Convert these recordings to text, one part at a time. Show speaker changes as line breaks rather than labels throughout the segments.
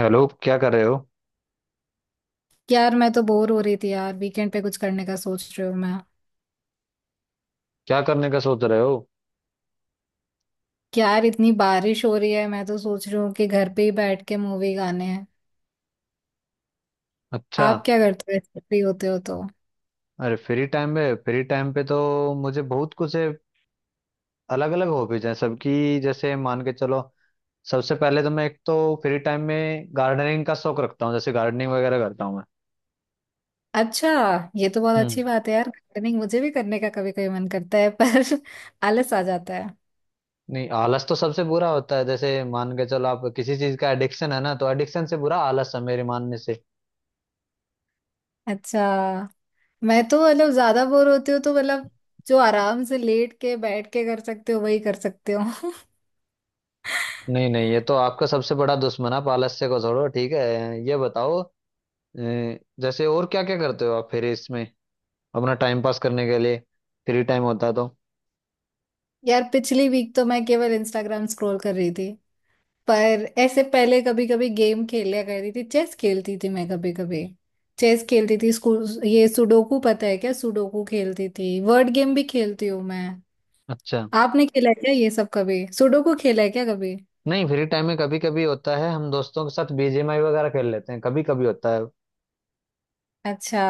Hello, क्या कर रहे हो?
यार मैं तो बोर हो रही थी यार। वीकेंड पे कुछ करने का सोच रही हूँ मैं।
क्या करने का सोच रहे हो?
यार इतनी बारिश हो रही है, मैं तो सोच रही हूँ कि घर पे ही बैठ के मूवी गाने हैं।
अच्छा।
आप क्या करते हो ऐसे फ्री होते हो तो?
अरे फ्री टाइम में, फ्री टाइम पे तो मुझे बहुत कुछ है। अलग अलग हॉबीज हैं सबकी। जैसे मान के चलो, सबसे पहले तो मैं एक तो फ्री टाइम में गार्डनिंग का शौक रखता हूँ, जैसे गार्डनिंग वगैरह करता हूँ मैं।
अच्छा, ये तो बहुत
हम्म।
अच्छी बात है यार। गार्डनिंग मुझे भी करने का कभी कभी मन करता है पर आलस आ जाता है।
नहीं, आलस तो सबसे बुरा होता है। जैसे मान के चलो, आप किसी चीज का एडिक्शन है ना, तो एडिक्शन से बुरा आलस है मेरे मानने से।
अच्छा। मैं तो ज्यादा बोर होती हूँ तो मतलब जो आराम से लेट के बैठ के कर सकते हो वही कर सकते हो।
नहीं नहीं, ये तो आपका सबसे बड़ा दुश्मन है, आप आलस्य को छोड़ो। ठीक है, ये बताओ अ, जैसे और क्या क्या करते हो आप फिर इसमें, अपना टाइम पास करने के लिए फ्री टाइम होता है तो?
यार पिछली वीक तो मैं केवल इंस्टाग्राम स्क्रॉल कर रही थी। पर ऐसे पहले कभी कभी गेम खेला करती थी, चेस खेलती थी मैं कभी कभी। चेस खेलती थी स्कूल, ये सुडोकू पता है क्या? सुडोकू खेलती थी, वर्ड गेम भी खेलती हूँ मैं।
अच्छा।
आपने खेला है क्या ये सब कभी? सुडोकू खेला है क्या कभी?
नहीं, फ्री टाइम में कभी कभी होता है, हम दोस्तों के साथ बीजीएमआई वगैरह खेल लेते हैं कभी कभी होता है।
अच्छा।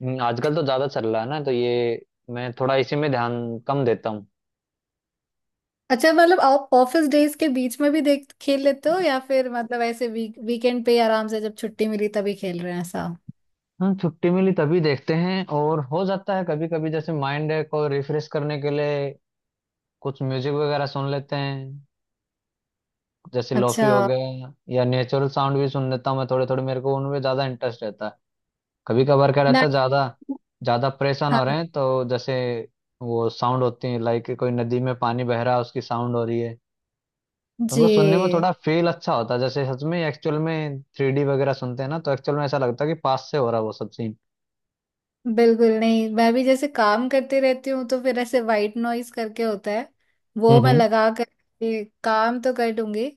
आजकल तो ज्यादा चल रहा है ना, तो ये मैं थोड़ा इसी में ध्यान कम देता हूँ।
अच्छा मतलब आप ऑफिस डेज के बीच में भी देख खेल लेते हो या फिर मतलब ऐसे वीकेंड पे आराम से जब छुट्टी मिली तभी खेल रहे हैं ऐसा?
हाँ, छुट्टी मिली तभी देखते हैं। और हो जाता है कभी कभी, जैसे माइंड को रिफ्रेश करने के लिए कुछ म्यूजिक वगैरह सुन लेते हैं। जैसे लोफी हो
अच्छा।
गया या नेचुरल साउंड भी सुन लेता हूँ मैं, थोड़े थोड़े मेरे को उनमें ज्यादा इंटरेस्ट रहता है। कभी कभार क्या
ना।
रहता है, ज्यादा ज्यादा परेशान हो
हाँ।
रहे हैं तो जैसे वो साउंड होती है, लाइक कोई नदी में पानी बह रहा है, उसकी साउंड हो रही है, तो उनको सुनने में थोड़ा
जी,
फील अच्छा होता है। जैसे सच में, एक्चुअल में थ्री डी वगैरह सुनते हैं ना, तो एक्चुअल में ऐसा लगता है कि पास से हो रहा है वो सब सीन।
बिल्कुल। नहीं, मैं भी जैसे काम करती रहती हूँ तो फिर ऐसे वाइट नॉइस करके होता है, वो मैं
हम्म।
लगा कर के काम तो कर दूंगी।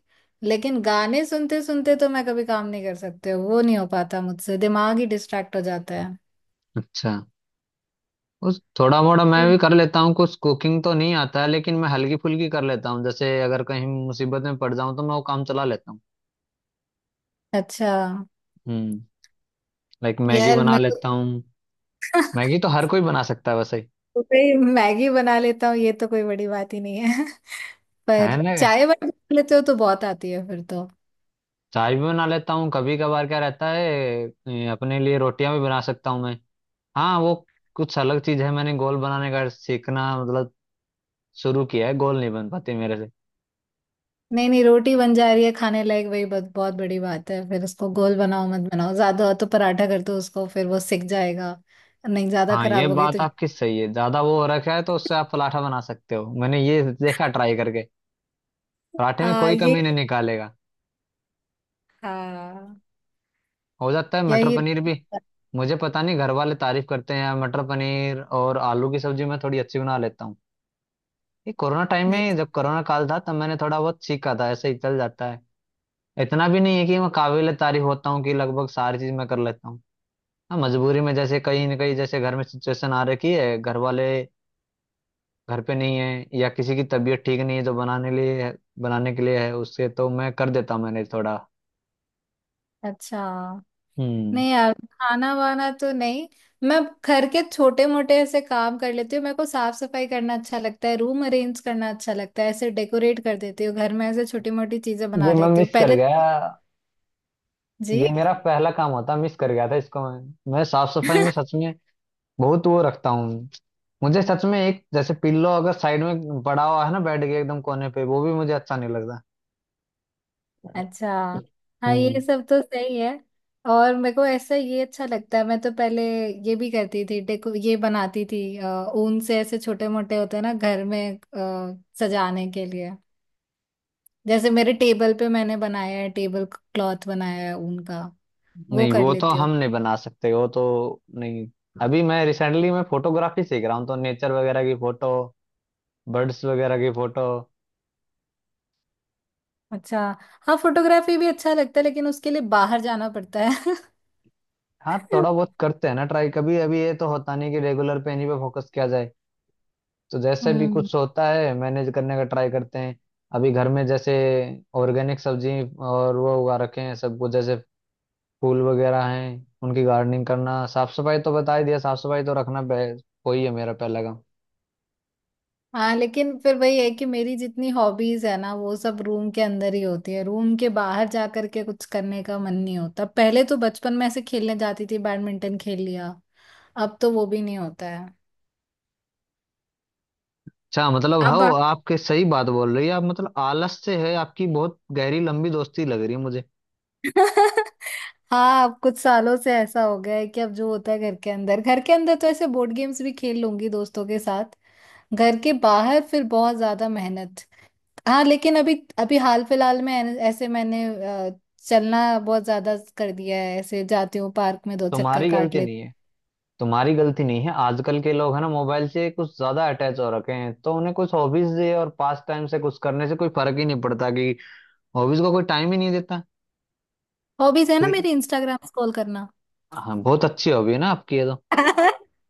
लेकिन गाने सुनते सुनते तो मैं कभी काम नहीं कर सकती हूँ, वो नहीं हो पाता मुझसे, दिमाग ही डिस्ट्रैक्ट हो जाता है।
अच्छा। उस थोड़ा मोड़ा मैं
हम्म।
भी कर लेता हूँ। कुछ कुकिंग तो नहीं आता है लेकिन मैं हल्की फुल्की कर लेता हूँ। जैसे अगर कहीं मुसीबत में पड़ जाऊँ तो मैं वो काम चला लेता हूँ।
अच्छा।
हम्म। लाइक मैगी
यार
बना
मैं तो
लेता हूँ। मैगी तो हर कोई बना सकता है वैसे।
सुबह ही मैगी बना लेता हूँ, ये तो कोई बड़ी बात ही नहीं है।
है
पर
ना।
चाय वाय बना लेते हो तो बहुत आती है फिर तो।
चाय भी बना लेता हूँ। कभी कभार क्या रहता है, अपने लिए रोटियां भी बना सकता हूँ मैं। हाँ वो कुछ अलग चीज है, मैंने गोल बनाने का सीखना, मतलब शुरू किया है, गोल नहीं बन पाते मेरे से।
नहीं नहीं, रोटी बन जा रही है खाने लायक, वही बहुत बहुत बड़ी बात है। फिर उसको गोल बनाओ मत बनाओ, ज्यादा हो तो पराठा कर दो उसको, फिर वो सिक जाएगा। नहीं, ज्यादा
हाँ ये
खराब हो गई तो।
बात आपकी सही है, ज्यादा वो हो रखा है तो उससे आप पराठा बना सकते हो, मैंने ये देखा ट्राई करके। पराठे में
हाँ,
कोई
ये।
कमी नहीं निकालेगा।
हाँ।
हो जाता है
या
मटर
ये।
पनीर भी। मुझे पता नहीं, घर वाले तारीफ करते हैं, मटर पनीर और आलू की सब्जी मैं थोड़ी अच्छी बना लेता हूँ। ये कोरोना टाइम
नहीं।
में जब कोरोना काल था तब मैंने थोड़ा बहुत सीखा था, ऐसे ही चल जाता है। इतना भी नहीं है कि मैं काबिल तारीफ होता हूँ कि लगभग सारी चीज मैं कर लेता हूँ। हाँ मजबूरी में, जैसे कहीं ना कहीं जैसे घर में सिचुएशन आ रखी है, घर वाले घर पे नहीं है या किसी की तबीयत ठीक नहीं है, जो बनाने लिए है, बनाने के लिए है, उससे तो मैं कर देता हूँ। मैंने थोड़ा,
अच्छा,
हम्म,
नहीं यार खाना वाना तो नहीं। मैं घर के छोटे मोटे ऐसे काम कर लेती हूँ। मेरे को साफ सफाई करना अच्छा लगता है, रूम अरेंज करना अच्छा लगता है, ऐसे डेकोरेट कर देती हूँ घर में, ऐसे छोटी मोटी चीजें
ये
बना
मैं
लेती हूँ
मिस कर
पहले।
गया।
जी।
ये मेरा पहला काम होता, मिस कर गया था इसको। मैं साफ सफाई में सच में बहुत वो रखता हूँ। मुझे सच में एक जैसे पिल्लो अगर साइड में पड़ा हुआ है ना, बेड के एकदम कोने पे, वो भी मुझे अच्छा नहीं लगता।
अच्छा। हाँ ये
हम्म।
सब तो सही है। और मेरे को ऐसा ये अच्छा लगता है, मैं तो पहले ये भी करती थी, डेको ये बनाती थी ऊन से। ऐसे छोटे मोटे होते हैं ना घर में सजाने के लिए। जैसे मेरे टेबल पे मैंने बनाया है, टेबल क्लॉथ बनाया है ऊन का, वो
नहीं
कर
वो तो
लेती हूँ।
हम नहीं बना सकते वो तो, नहीं। अभी मैं रिसेंटली मैं फोटोग्राफी सीख रहा हूँ, तो नेचर वगैरह की फोटो, बर्ड्स वगैरह की फोटो।
अच्छा। हाँ फोटोग्राफी भी अच्छा लगता है, लेकिन उसके लिए बाहर जाना पड़ता है।
हाँ थोड़ा बहुत करते हैं ना ट्राई कभी, अभी ये तो होता नहीं कि रेगुलर पे इन्हीं पे फोकस किया जाए, तो जैसे भी
हम्म।
कुछ होता है मैनेज करने का ट्राई करते हैं। अभी घर में जैसे ऑर्गेनिक सब्जी और वो उगा रखे हैं सब कुछ। जैसे फूल वगैरह हैं उनकी गार्डनिंग करना, साफ सफाई तो बता ही दिया, साफ सफाई तो रखना कोई है मेरा पहला।
हाँ लेकिन फिर वही है कि मेरी जितनी हॉबीज है ना, वो सब रूम के अंदर ही होती है, रूम के बाहर जा करके कुछ करने का मन नहीं होता। पहले तो बचपन में ऐसे खेलने जाती थी, बैडमिंटन खेल लिया, अब तो वो भी नहीं होता है।
अच्छा, मतलब हाँ
अब
आपके सही बात बोल रही है आप, मतलब आलस से है आपकी बहुत गहरी लंबी दोस्ती लग रही है मुझे।
हाँ, अब कुछ सालों से ऐसा हो गया है कि अब जो होता है घर के अंदर। घर के अंदर तो ऐसे बोर्ड गेम्स भी खेल लूंगी दोस्तों के साथ, घर के बाहर फिर बहुत ज्यादा मेहनत। हाँ लेकिन अभी अभी हाल फिलहाल में ऐसे मैंने अ, चलना बहुत ज्यादा कर दिया है, ऐसे जाती हूँ पार्क में दो चक्कर
तुम्हारी
काट
गलती
लेती।
नहीं है, तुम्हारी गलती नहीं है। आजकल के लोग है ना, मोबाइल से कुछ ज्यादा अटैच हो रखे हैं, तो उन्हें कुछ हॉबीज दे और पास टाइम से कुछ करने से कोई फर्क ही नहीं पड़ता कि, हॉबीज को कोई टाइम ही नहीं देता
हॉबीज है ना
फिर।
मेरी, इंस्टाग्राम स्क्रॉल करना।
हाँ बहुत अच्छी हॉबी है ना आपकी ये तो।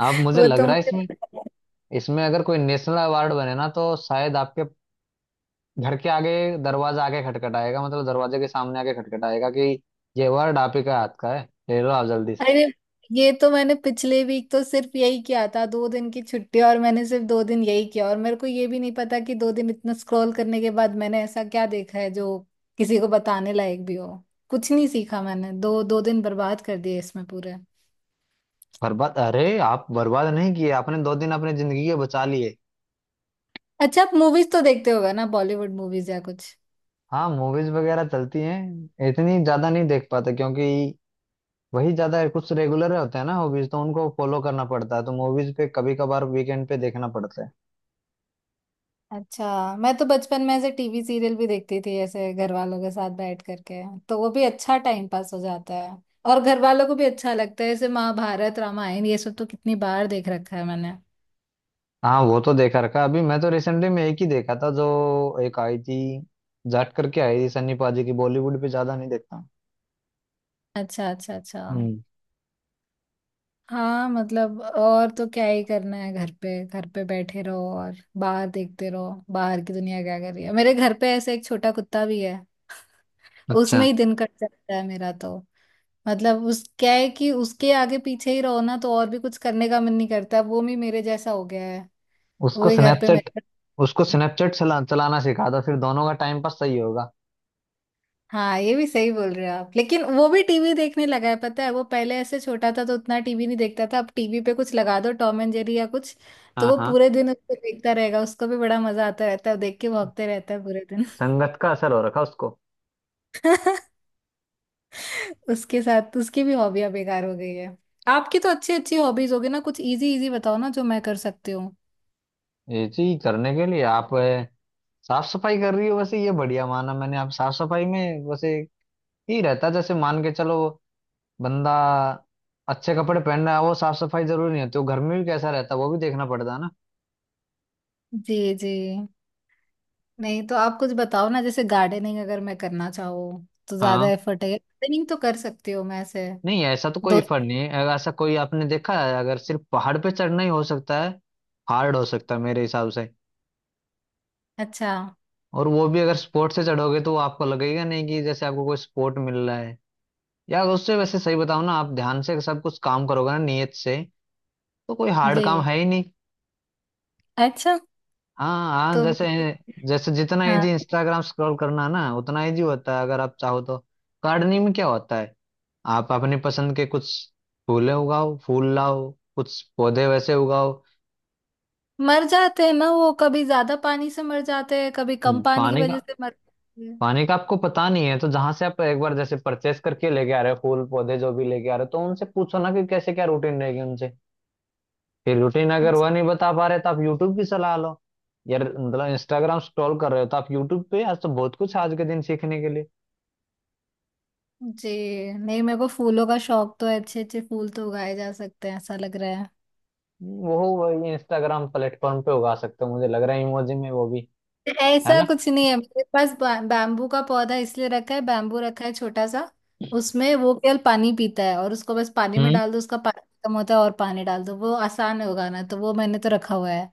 आप, मुझे
वो
लग
तो
रहा है
मुझे।
इसमें, इसमें अगर कोई नेशनल अवार्ड बने ना, तो शायद आपके घर के आगे दरवाजा आके खटखटाएगा, मतलब दरवाजे के सामने आके खटखटाएगा कि ये वर्ड आप ही का हाथ का है, ले लो आप जल्दी से।
अरे, ये तो मैंने पिछले वीक तो सिर्फ यही किया था। दो दिन की छुट्टी, और मैंने सिर्फ दो दिन यही किया, और मेरे को ये भी नहीं पता कि दो दिन इतना स्क्रॉल करने के बाद मैंने ऐसा क्या देखा है जो किसी को बताने लायक भी हो। कुछ नहीं सीखा मैंने, दो दो दिन बर्बाद कर दिए इसमें पूरे।
बर्बाद? अरे, आप बर्बाद नहीं किए, आपने दो दिन अपनी जिंदगी के बचा लिए।
अच्छा, आप मूवीज तो देखते होगा ना, बॉलीवुड मूवीज या कुछ?
हाँ, मूवीज वगैरह चलती हैं। इतनी ज्यादा नहीं देख पाते क्योंकि वही ज्यादा कुछ रेगुलर होते हैं ना हॉबीज, तो उनको फॉलो करना पड़ता है, तो मूवीज पे कभी कभार वीकेंड पे देखना पड़ता है।
अच्छा, मैं तो बचपन में ऐसे टीवी सीरियल भी देखती थी, ऐसे घर वालों के साथ बैठ करके, तो वो भी अच्छा टाइम पास हो जाता है, और घर वालों को भी अच्छा लगता है। जैसे महाभारत, रामायण, ये सब तो कितनी बार देख रखा है मैंने।
हाँ वो तो देखा रखा है। अभी मैं तो रिसेंटली में एक ही देखा था, जो एक आई थी, जाट करके आई थी सन्नी पाजी की। बॉलीवुड पे ज्यादा नहीं देखता हूँ।
अच्छा अच्छा अच्छा।
हम्म।
हाँ मतलब और तो क्या ही करना है घर पे बैठे रहो और बाहर देखते रहो बाहर की दुनिया क्या कर रही है। मेरे घर पे ऐसे एक छोटा कुत्ता भी है,
अच्छा।
उसमें ही दिन कट जाता है मेरा तो। मतलब उस क्या है कि उसके आगे पीछे ही रहो, ना तो और भी कुछ करने का मन नहीं करता, वो भी मेरे जैसा हो गया है। वो
उसको
ही घर पे
स्नैपचैट,
मेरे।
उसको स्नैपचैट चलाना सिखा था, फिर दोनों का टाइम पास सही होगा।
हाँ ये भी सही बोल रहे हो आप, लेकिन वो भी टीवी देखने लगा है पता है। वो पहले ऐसे छोटा था तो उतना टीवी नहीं देखता था, अब टीवी पे कुछ लगा दो टॉम एंड जेरी या कुछ, तो
हाँ
वो
हाँ,
पूरे दिन उसको देखता रहेगा, उसको भी बड़ा मजा आता रहता है, देख के भौंकते रहता है पूरे
संगत का असर हो रखा उसको।
दिन। उसके साथ उसकी भी हॉबियां बेकार हो गई है। आपकी तो अच्छी अच्छी हॉबीज होगी ना, कुछ इजी इजी बताओ ना जो मैं कर सकती हूँ।
ये चीज करने के लिए आप, साफ सफाई कर रही हो वैसे, ये बढ़िया माना मैंने। आप साफ सफाई में वैसे ही रहता, जैसे मान के चलो बंदा अच्छे कपड़े पहन रहा है, वो साफ सफाई जरूरी नहीं होती, वो घर में भी कैसा रहता है वो भी देखना पड़ता है ना।
जी। जी। नहीं तो आप कुछ बताओ ना, जैसे गार्डनिंग। अगर मैं करना चाहूँ तो ज्यादा
हाँ।
एफर्ट है? गार्डनिंग तो कर सकती हूँ मैं ऐसे।
नहीं ऐसा तो कोई
दो।
फर्क नहीं है, अगर ऐसा कोई आपने देखा है, अगर सिर्फ पहाड़ पे चढ़ना ही हो सकता है, हार्ड हो सकता है मेरे हिसाब से।
अच्छा।
और वो भी अगर स्पोर्ट से चढ़ोगे, तो वो आपको लगेगा नहीं कि जैसे आपको कोई स्पोर्ट मिल रहा है। या अगर उससे, वैसे सही बताओ ना, आप ध्यान से सब कुछ काम करोगे ना नियत से, तो कोई हार्ड
जी।
काम है ही नहीं।
अच्छा।
हाँ हाँ,
तो
जैसे
फिर-।
जैसे जितना
हाँ।
इजी इंस्टाग्राम स्क्रॉल करना ना, उतना इजी होता है अगर आप चाहो तो। गार्डनिंग में क्या होता है, आप अपनी पसंद के कुछ फूले उगाओ, फूल लाओ, कुछ पौधे वैसे उगाओ।
मर जाते हैं ना वो, कभी ज्यादा पानी से मर जाते हैं, कभी कम
हम्म,
पानी की
पानी
वजह
का,
से मर जाते हैं।
पानी का आपको पता नहीं है तो जहां से आप एक बार जैसे परचेस करके लेके आ रहे हो, फूल पौधे जो भी लेके आ रहे हो, तो उनसे पूछो ना कि कैसे क्या रूटीन रहेगी उनसे। फिर रूटीन अगर
अच्छा।
वह नहीं बता पा रहे तो आप यूट्यूब की सलाह लो। यार मतलब इंस्टाग्राम स्क्रॉल कर रहे हो, तो आप यूट्यूब पे आज तो बहुत कुछ आज के दिन सीखने के लिए।
जी। नहीं मेरे को फूलों का शौक तो है, अच्छे अच्छे फूल तो उगाए जा सकते हैं ऐसा लग रहा।
वो इंस्टाग्राम प्लेटफॉर्म पे उगा सकते हो मुझे लग रहा है, इमोजी में वो भी, है
ऐसा
ना।
कुछ नहीं है मेरे पास, बैम्बू का पौधा इसलिए रखा है, बैम्बू रखा है छोटा सा। उसमें वो केवल पानी पीता है, और उसको बस पानी में
हम्म।
डाल दो, उसका पानी खत्म होता है और पानी डाल दो, वो आसान है उगाना, तो वो मैंने तो रखा हुआ है।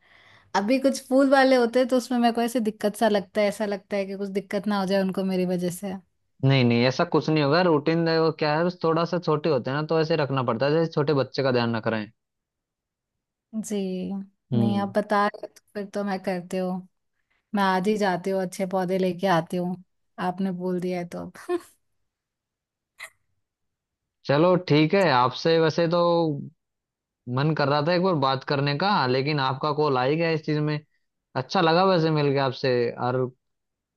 अभी कुछ फूल वाले होते हैं तो उसमें मेरे को ऐसे दिक्कत सा लगता है, ऐसा लगता है कि कुछ दिक्कत ना हो जाए उनको मेरी वजह से।
नहीं नहीं ऐसा कुछ नहीं होगा, रूटीन देखो क्या है, बस थोड़ा सा छोटे होते हैं ना, तो ऐसे रखना पड़ता है, जैसे छोटे बच्चे का ध्यान रख रहे हैं।
जी। नहीं
हम्म।
आप बता रहे हो तो फिर तो मैं करते हूँ, मैं आज ही जाती हूँ, अच्छे पौधे लेके आती हूँ, आपने बोल दिया है तो।
चलो ठीक है, आपसे वैसे तो मन कर रहा था एक बार बात करने का, लेकिन आपका कॉल आ ही गया इस चीज में। अच्छा लगा वैसे मिल के आपसे, और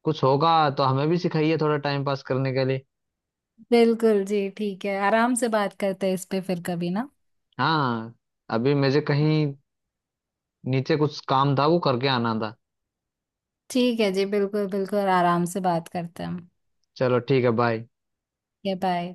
कुछ होगा तो हमें भी सिखाइए थोड़ा टाइम पास करने के लिए।
बिल्कुल जी ठीक है, आराम से बात करते हैं इस पे फिर कभी ना।
हाँ, अभी मुझे कहीं नीचे कुछ काम था, वो करके आना था।
ठीक है जी, बिल्कुल बिल्कुल, आराम से बात करते हैं हम।
चलो ठीक है, बाय।
बाय।